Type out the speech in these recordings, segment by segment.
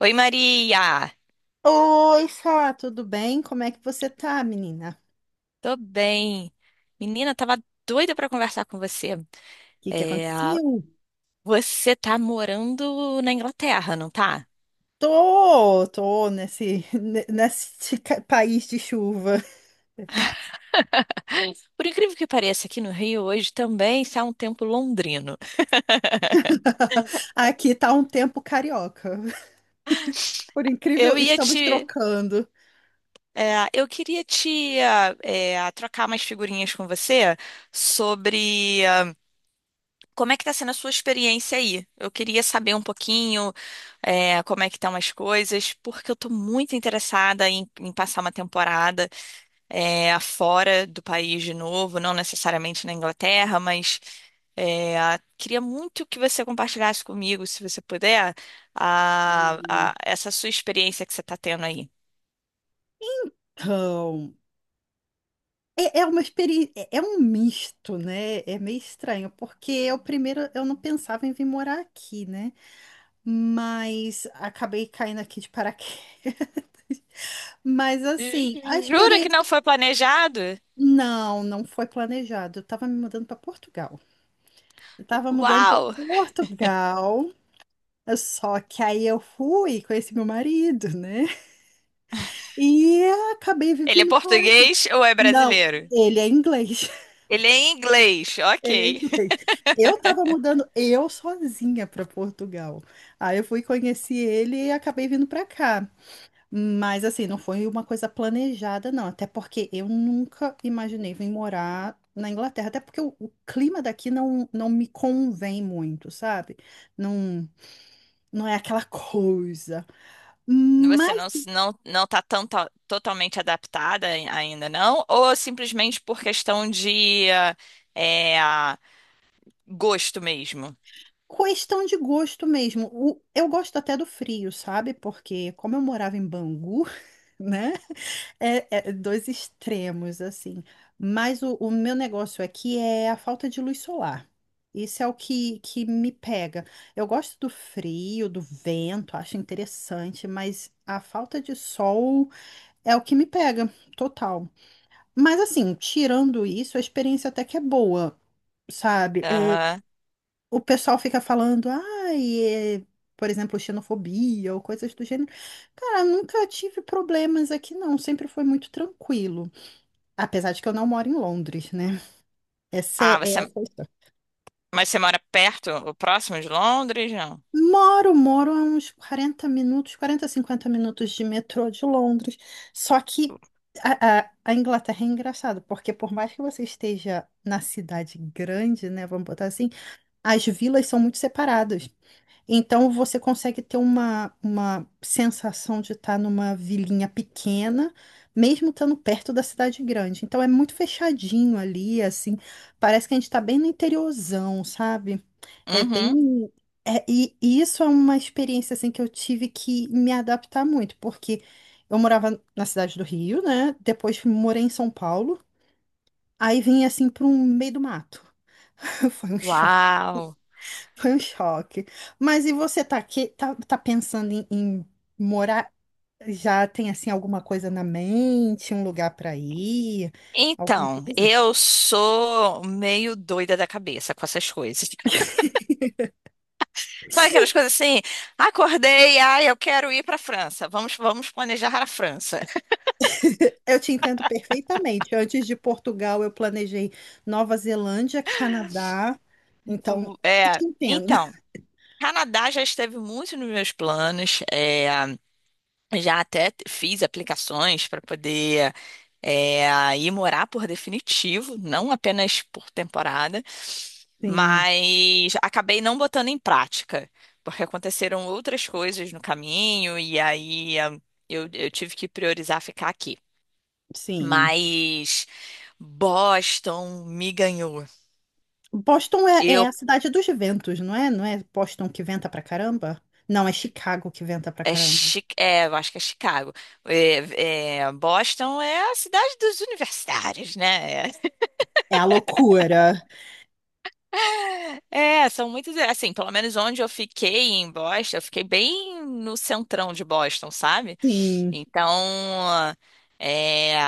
Oi, Maria! Oi, Sá, tudo bem? Como é que você tá, menina? Tô bem. Menina, tava doida pra conversar com você. O que que É, aconteceu? Você tá morando na Inglaterra, não tá? Tô nesse país de chuva. Por incrível que pareça, aqui no Rio hoje também está um tempo londrino. Aqui tá um tempo carioca. Por incrível, Eu ia estamos te. trocando. Eu queria te trocar umas figurinhas com você sobre como é que tá sendo a sua experiência aí. Eu queria saber um pouquinho como é que estão as coisas, porque eu tô muito interessada em passar uma temporada. Afora do país de novo, não necessariamente na Inglaterra, mas é, queria muito que você compartilhasse comigo, se você puder, essa sua experiência que você está tendo aí. Então, é uma experiência, é um misto, né? É meio estranho, porque eu primeiro eu não pensava em vir morar aqui, né? Mas acabei caindo aqui de paraquedas. Mas assim, a Jura que não experiência. foi planejado? Não, não foi planejado. Eu tava me mudando para Portugal. Eu tava mudando para Uau! Portugal. Só que aí eu fui, conheci meu marido, né? E acabei Ele é vivendo por aqui. português ou é Não, brasileiro? ele é inglês. Ele é em inglês, Ele é ok. inglês. Eu tava mudando eu sozinha para Portugal. Aí eu fui conheci ele e acabei vindo para cá. Mas assim, não foi uma coisa planejada, não. Até porque eu nunca imaginei vir morar na Inglaterra. Até porque o clima daqui não, não me convém muito, sabe? Não, não é aquela coisa. Você Mas não tá totalmente adaptada ainda não? Ou simplesmente por questão de é, ah, gosto mesmo? questão de gosto mesmo. O- eu gosto até do frio, sabe? Porque como eu morava em Bangu, né? É, é dois extremos, assim. Mas o meu negócio aqui é a falta de luz solar. Isso é o que me pega. Eu gosto do frio, do vento, acho interessante, mas a falta de sol é o que me pega, total. Mas, assim, tirando isso, a experiência até que é boa, sabe? Aham. O pessoal fica falando, ai, por exemplo, xenofobia ou coisas do gênero. Cara, nunca tive problemas aqui, não. Sempre foi muito tranquilo. Apesar de que eu não moro em Londres, né? Essa Ah, é você, é a questão. mas você mora perto, o próximo de Londres? Não. Moro, moro a uns 40 minutos, 40, 50 minutos de metrô de Londres. Só que a Inglaterra é engraçado, porque por mais que você esteja na cidade grande, né? Vamos botar assim, as vilas são muito separadas. Então você consegue ter uma sensação de estar numa vilinha pequena, mesmo estando perto da cidade grande. Então é muito fechadinho ali, assim. Parece que a gente está bem no interiorzão, sabe? É Uhum. bem. E isso é uma experiência assim que eu tive que me adaptar muito, porque eu morava na cidade do Rio, né? Depois morei em São Paulo, aí vim assim para um meio do mato. Foi um choque. Uau! Foi um choque. Mas e você tá aqui, tá, tá pensando em morar? Já tem assim alguma coisa na mente, um lugar para ir, alguma Então, coisa? eu sou meio doida da cabeça com essas coisas. Sabe aquelas coisas assim? Acordei, ai, eu quero ir para a França. Vamos, vamos planejar a França. Eu te entendo perfeitamente. Antes de Portugal, eu planejei Nova Zelândia, Canadá. Então, O- eu É, te entendo. então, Canadá já esteve muito nos meus planos. Já até fiz aplicações para poder ir morar por definitivo, não apenas por temporada, Sim, mas acabei não botando em prática, porque aconteceram outras coisas no caminho e aí eu tive que priorizar ficar aqui. sim. Mas Boston me ganhou. Boston é Eu a cidade dos ventos, não é? Não é Boston que venta pra caramba? Não, é Chicago que venta pra caramba. Eu acho que é Chicago. Boston é a cidade dos universitários, né? É a loucura. É, são muitos, assim, pelo menos onde eu fiquei em Boston, eu fiquei bem no centrão de Boston, sabe? Sim. Então, é,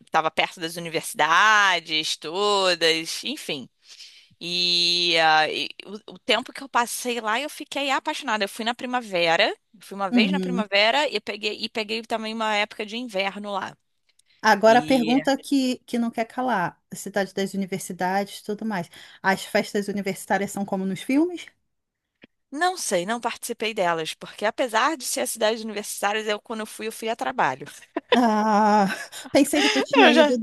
estava perto das universidades todas, enfim. E o tempo que eu passei lá, eu fiquei apaixonada. Eu fui na primavera, fui uma vez na Uhum. primavera e peguei também uma época de inverno lá. Agora a E pergunta que não quer calar. Cidade das universidades, tudo mais. As festas universitárias são como nos filmes? não sei, não participei delas, porque apesar de ser a cidade universitária, eu quando eu fui a trabalho. Ah, pensei que tu tinha Eu ido já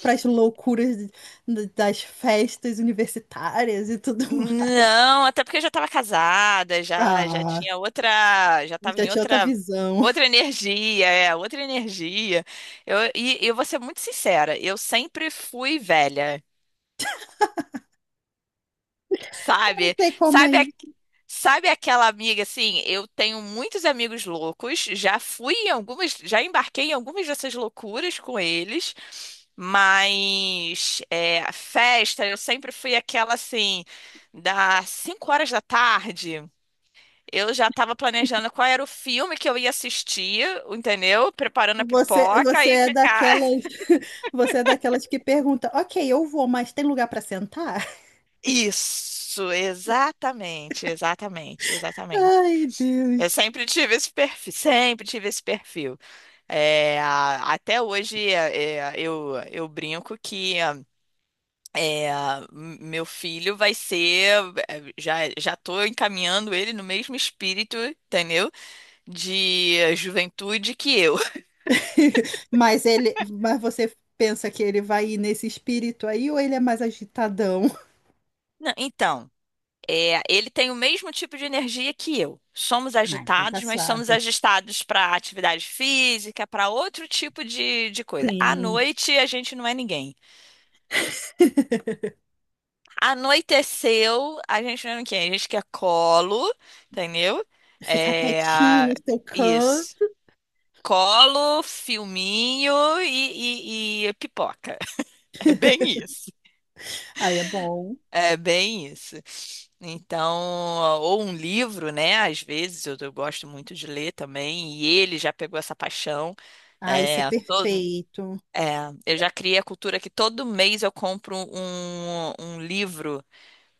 para as loucuras das festas universitárias e tudo mais. não, até porque eu já estava casada, já Ah, tinha outra, já estava já em tinha outra outra visão. outra energia, outra energia. Eu e eu vou ser muito sincera, eu sempre fui velha, Não sabe? sei como é Sabe a- isso. Sabe aquela amiga assim? Eu tenho muitos amigos loucos, já fui em algumas, já embarquei em algumas dessas loucuras com eles, mas a festa eu sempre fui aquela assim, das 5 horas da tarde. Eu já estava planejando qual era o filme que eu ia assistir, entendeu? Preparando a Você, pipoca você e é ficar. daquelas, você é daquelas que pergunta, ok, eu vou, mas tem lugar para sentar? Isso, exatamente, exatamente, exatamente. Ai, Eu Deus. sempre tive esse perfil, sempre tive esse perfil. Até hoje eu brinco que meu filho vai ser. Já já estou encaminhando ele no mesmo espírito, entendeu? De juventude que eu. Mas ele, mas você pensa que ele vai ir nesse espírito aí ou ele é mais agitadão? Não, então. É, ele tem o mesmo tipo de energia que eu. Somos Ah, então tá agitados, mas somos suave. agitados para atividade física, para outro tipo de coisa. À Sim. noite, a gente não é ninguém. Anoiteceu, a gente não é ninguém. A gente quer colo, entendeu? Ficar É, quietinho a- no seu can. isso. Colo, filminho e pipoca. É bem isso. Ai, é bom. É bem isso. Então, ou um livro, né? Às vezes eu gosto muito de ler também, e ele já pegou essa paixão. Ai, isso é É, todo, perfeito. eu já criei a cultura que todo mês eu compro um livro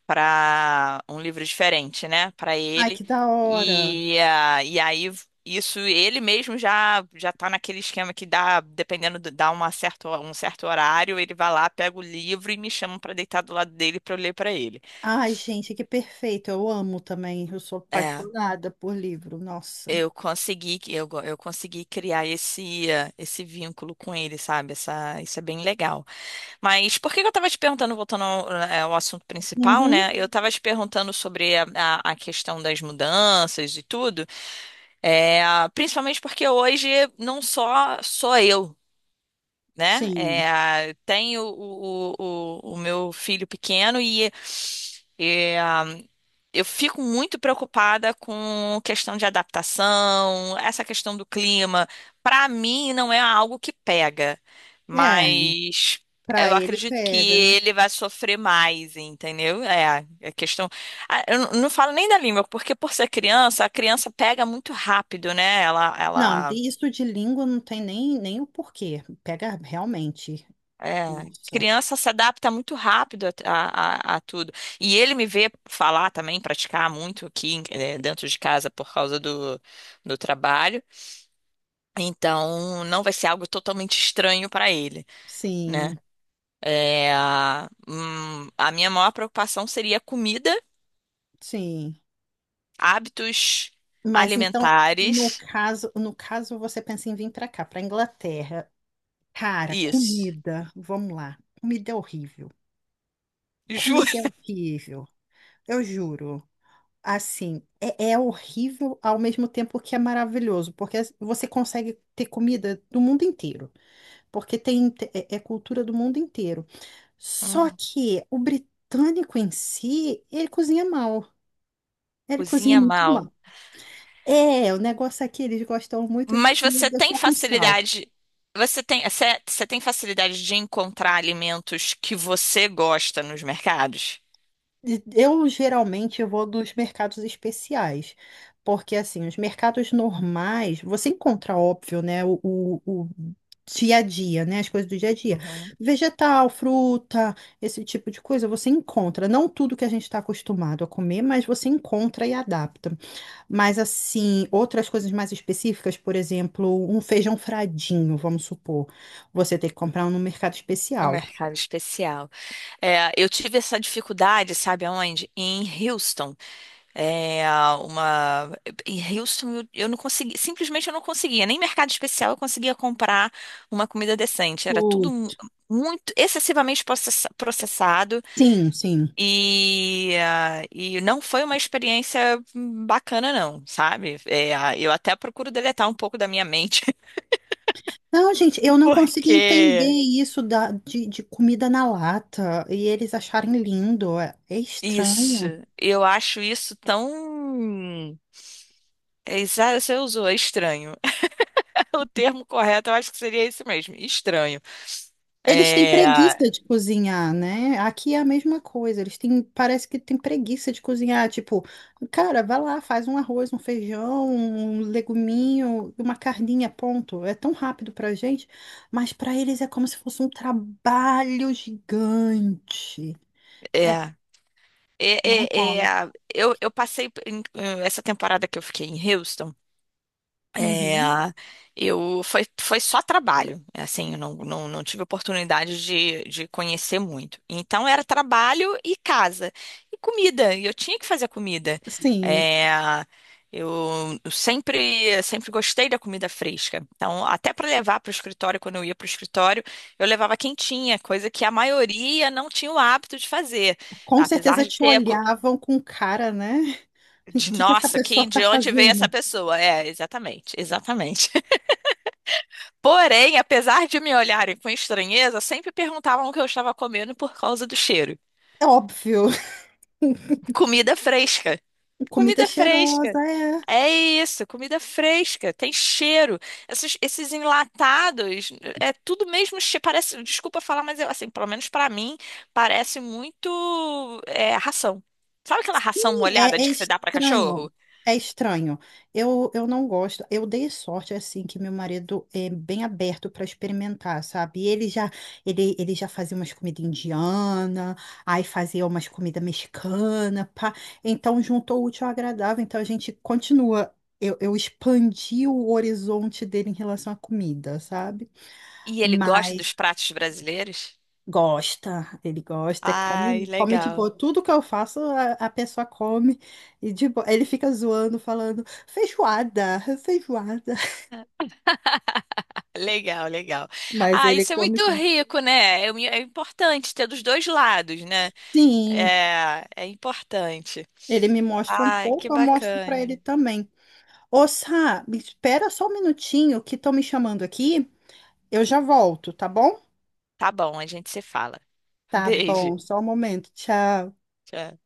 para um livro diferente, né? Para Ai, ele. que da hora. E aí isso ele mesmo já tá naquele esquema que dá, dependendo do, dá uma certa, um certo horário, ele vai lá, pega o livro e me chama para deitar do lado dele para eu ler para ele. Ai, gente, que perfeito. Eu amo também. Eu sou É apaixonada por livro. Nossa. eu consegui, que- eu, go- Eu consegui criar esse vínculo com ele, sabe? Isso é bem legal. Mas por que que eu tava te perguntando, voltando ao assunto principal, Uhum, né? Eu tava te perguntando sobre a questão das mudanças e tudo, é, principalmente porque hoje não só sou eu. Né? sim. É, tenho o meu filho pequeno e, eh, eu fico muito preocupada com questão de adaptação, essa questão do clima. Para mim, não é algo que pega, É, mas eu pra ele acredito que pega, né? ele vai sofrer mais, entendeu? É, é questão. Ah, eu não falo nem da língua, porque por ser criança, a criança pega muito rápido, né? Não, Ela disso de língua não tem nem, nem o porquê. Pega realmente. é, Nossa. criança se adapta muito rápido a tudo. E ele me vê falar também, praticar muito aqui, dentro de casa por causa do trabalho. Então, não vai ser algo totalmente estranho para ele, né? Sim. É, a minha maior preocupação seria comida, Sim. hábitos Mas então, no alimentares. caso, no caso você pensa em vir para cá, para Inglaterra. Cara, Isso. comida, vamos lá. Comida é horrível. Juro. Comida é horrível. Eu juro. Assim, é horrível ao mesmo tempo que é maravilhoso, porque você consegue ter comida do mundo inteiro, porque tem é cultura do mundo inteiro. Só Uhum. que o britânico em si, ele cozinha mal. Ele cozinha Cozinha muito mal. mal. É, o negócio aqui, eles gostam muito de Mas você comida tem só com sal. facilidade, você tem facilidade de encontrar alimentos que você gosta nos mercados? Eu geralmente vou dos mercados especiais, porque assim, os mercados normais, você encontra, óbvio, né, o dia a dia, né, as coisas do dia a dia. Uhum. Vegetal, fruta, esse tipo de coisa, você encontra. Não tudo que a gente está acostumado a comer, mas você encontra e adapta. Mas assim, outras coisas mais específicas, por exemplo, um feijão fradinho, vamos supor, você tem que comprar um no mercado No especial. mercado especial. É, eu tive essa dificuldade, sabe aonde? Em Houston. É, uma... Em Houston eu não consegui, simplesmente eu não conseguia, nem mercado especial eu conseguia comprar uma comida decente. Era tudo Hum, muito excessivamente processado. Sim, sim. E não foi uma experiência bacana, não, sabe? Eu até procuro deletar um pouco da minha mente, Não, gente, eu não consigo entender porque isso da, de comida na lata e eles acharem lindo. É, é isso, estranho. eu acho isso tão. Você usou, é estranho. O termo correto, eu acho que seria esse mesmo, estranho. Eles têm É, preguiça de cozinhar, né? Aqui é a mesma coisa. Eles têm, parece que têm preguiça de cozinhar. Tipo, cara, vai lá, faz um arroz, um feijão, um leguminho, uma carninha, ponto. É tão rápido pra gente, mas pra eles é como se fosse um trabalho gigante. é, É, não rola. Eu passei essa temporada que eu fiquei em Houston. É, Uhum. eu Foi, foi só trabalho, assim, eu não, não, não tive oportunidade de conhecer muito. Então era trabalho e casa e comida. E eu tinha que fazer comida. Sim, É, eu sempre sempre gostei da comida fresca. Então até para levar para o escritório, quando eu ia para o escritório, eu levava quentinha, coisa que a maioria não tinha o hábito de fazer, com apesar certeza de te ter a cu- olhavam com cara, né? O de que que essa nossa, pessoa quem tá de onde veio essa fazendo? pessoa? É, exatamente, exatamente. Porém, apesar de me olharem com estranheza, sempre perguntavam o que eu estava comendo por causa do cheiro. É óbvio, Comida fresca. comida Comida cheirosa, fresca. é. É isso, comida fresca, tem cheiro. Esses, esses enlatados, é tudo mesmo, parece, desculpa falar, mas eu, assim, pelo menos pra mim, parece muito ração. Sabe aquela ração molhada É, é de que você dá pra estranho, cachorro? é estranho. Eu não gosto. Eu dei sorte assim que meu marido é bem aberto para experimentar, sabe? E ele já fazia umas comidas indiana, aí fazia umas comidas mexicana, pá. Então juntou o útil ao agradável. Então a gente continua. Eu expandi o horizonte dele em relação à comida, sabe? E ele gosta dos pratos brasileiros? Gosta, ele gosta, Ai, come, come de legal. boa. Tudo que eu faço, a pessoa come e de boa. Ele fica zoando, falando feijoada, feijoada. Legal, legal. Mas Ah, ele isso é come muito sim. rico, né? É importante ter dos dois lados, né? Sim, É, é importante. ele me mostra um Ai, que pouco, eu mostro pra bacana. ele também. Ô, Sá, me espera só um minutinho que estão me chamando aqui. Eu já volto, tá bom? Tá bom, a gente se fala. Tá Beijo. bom, só um momento. Tchau. Tchau.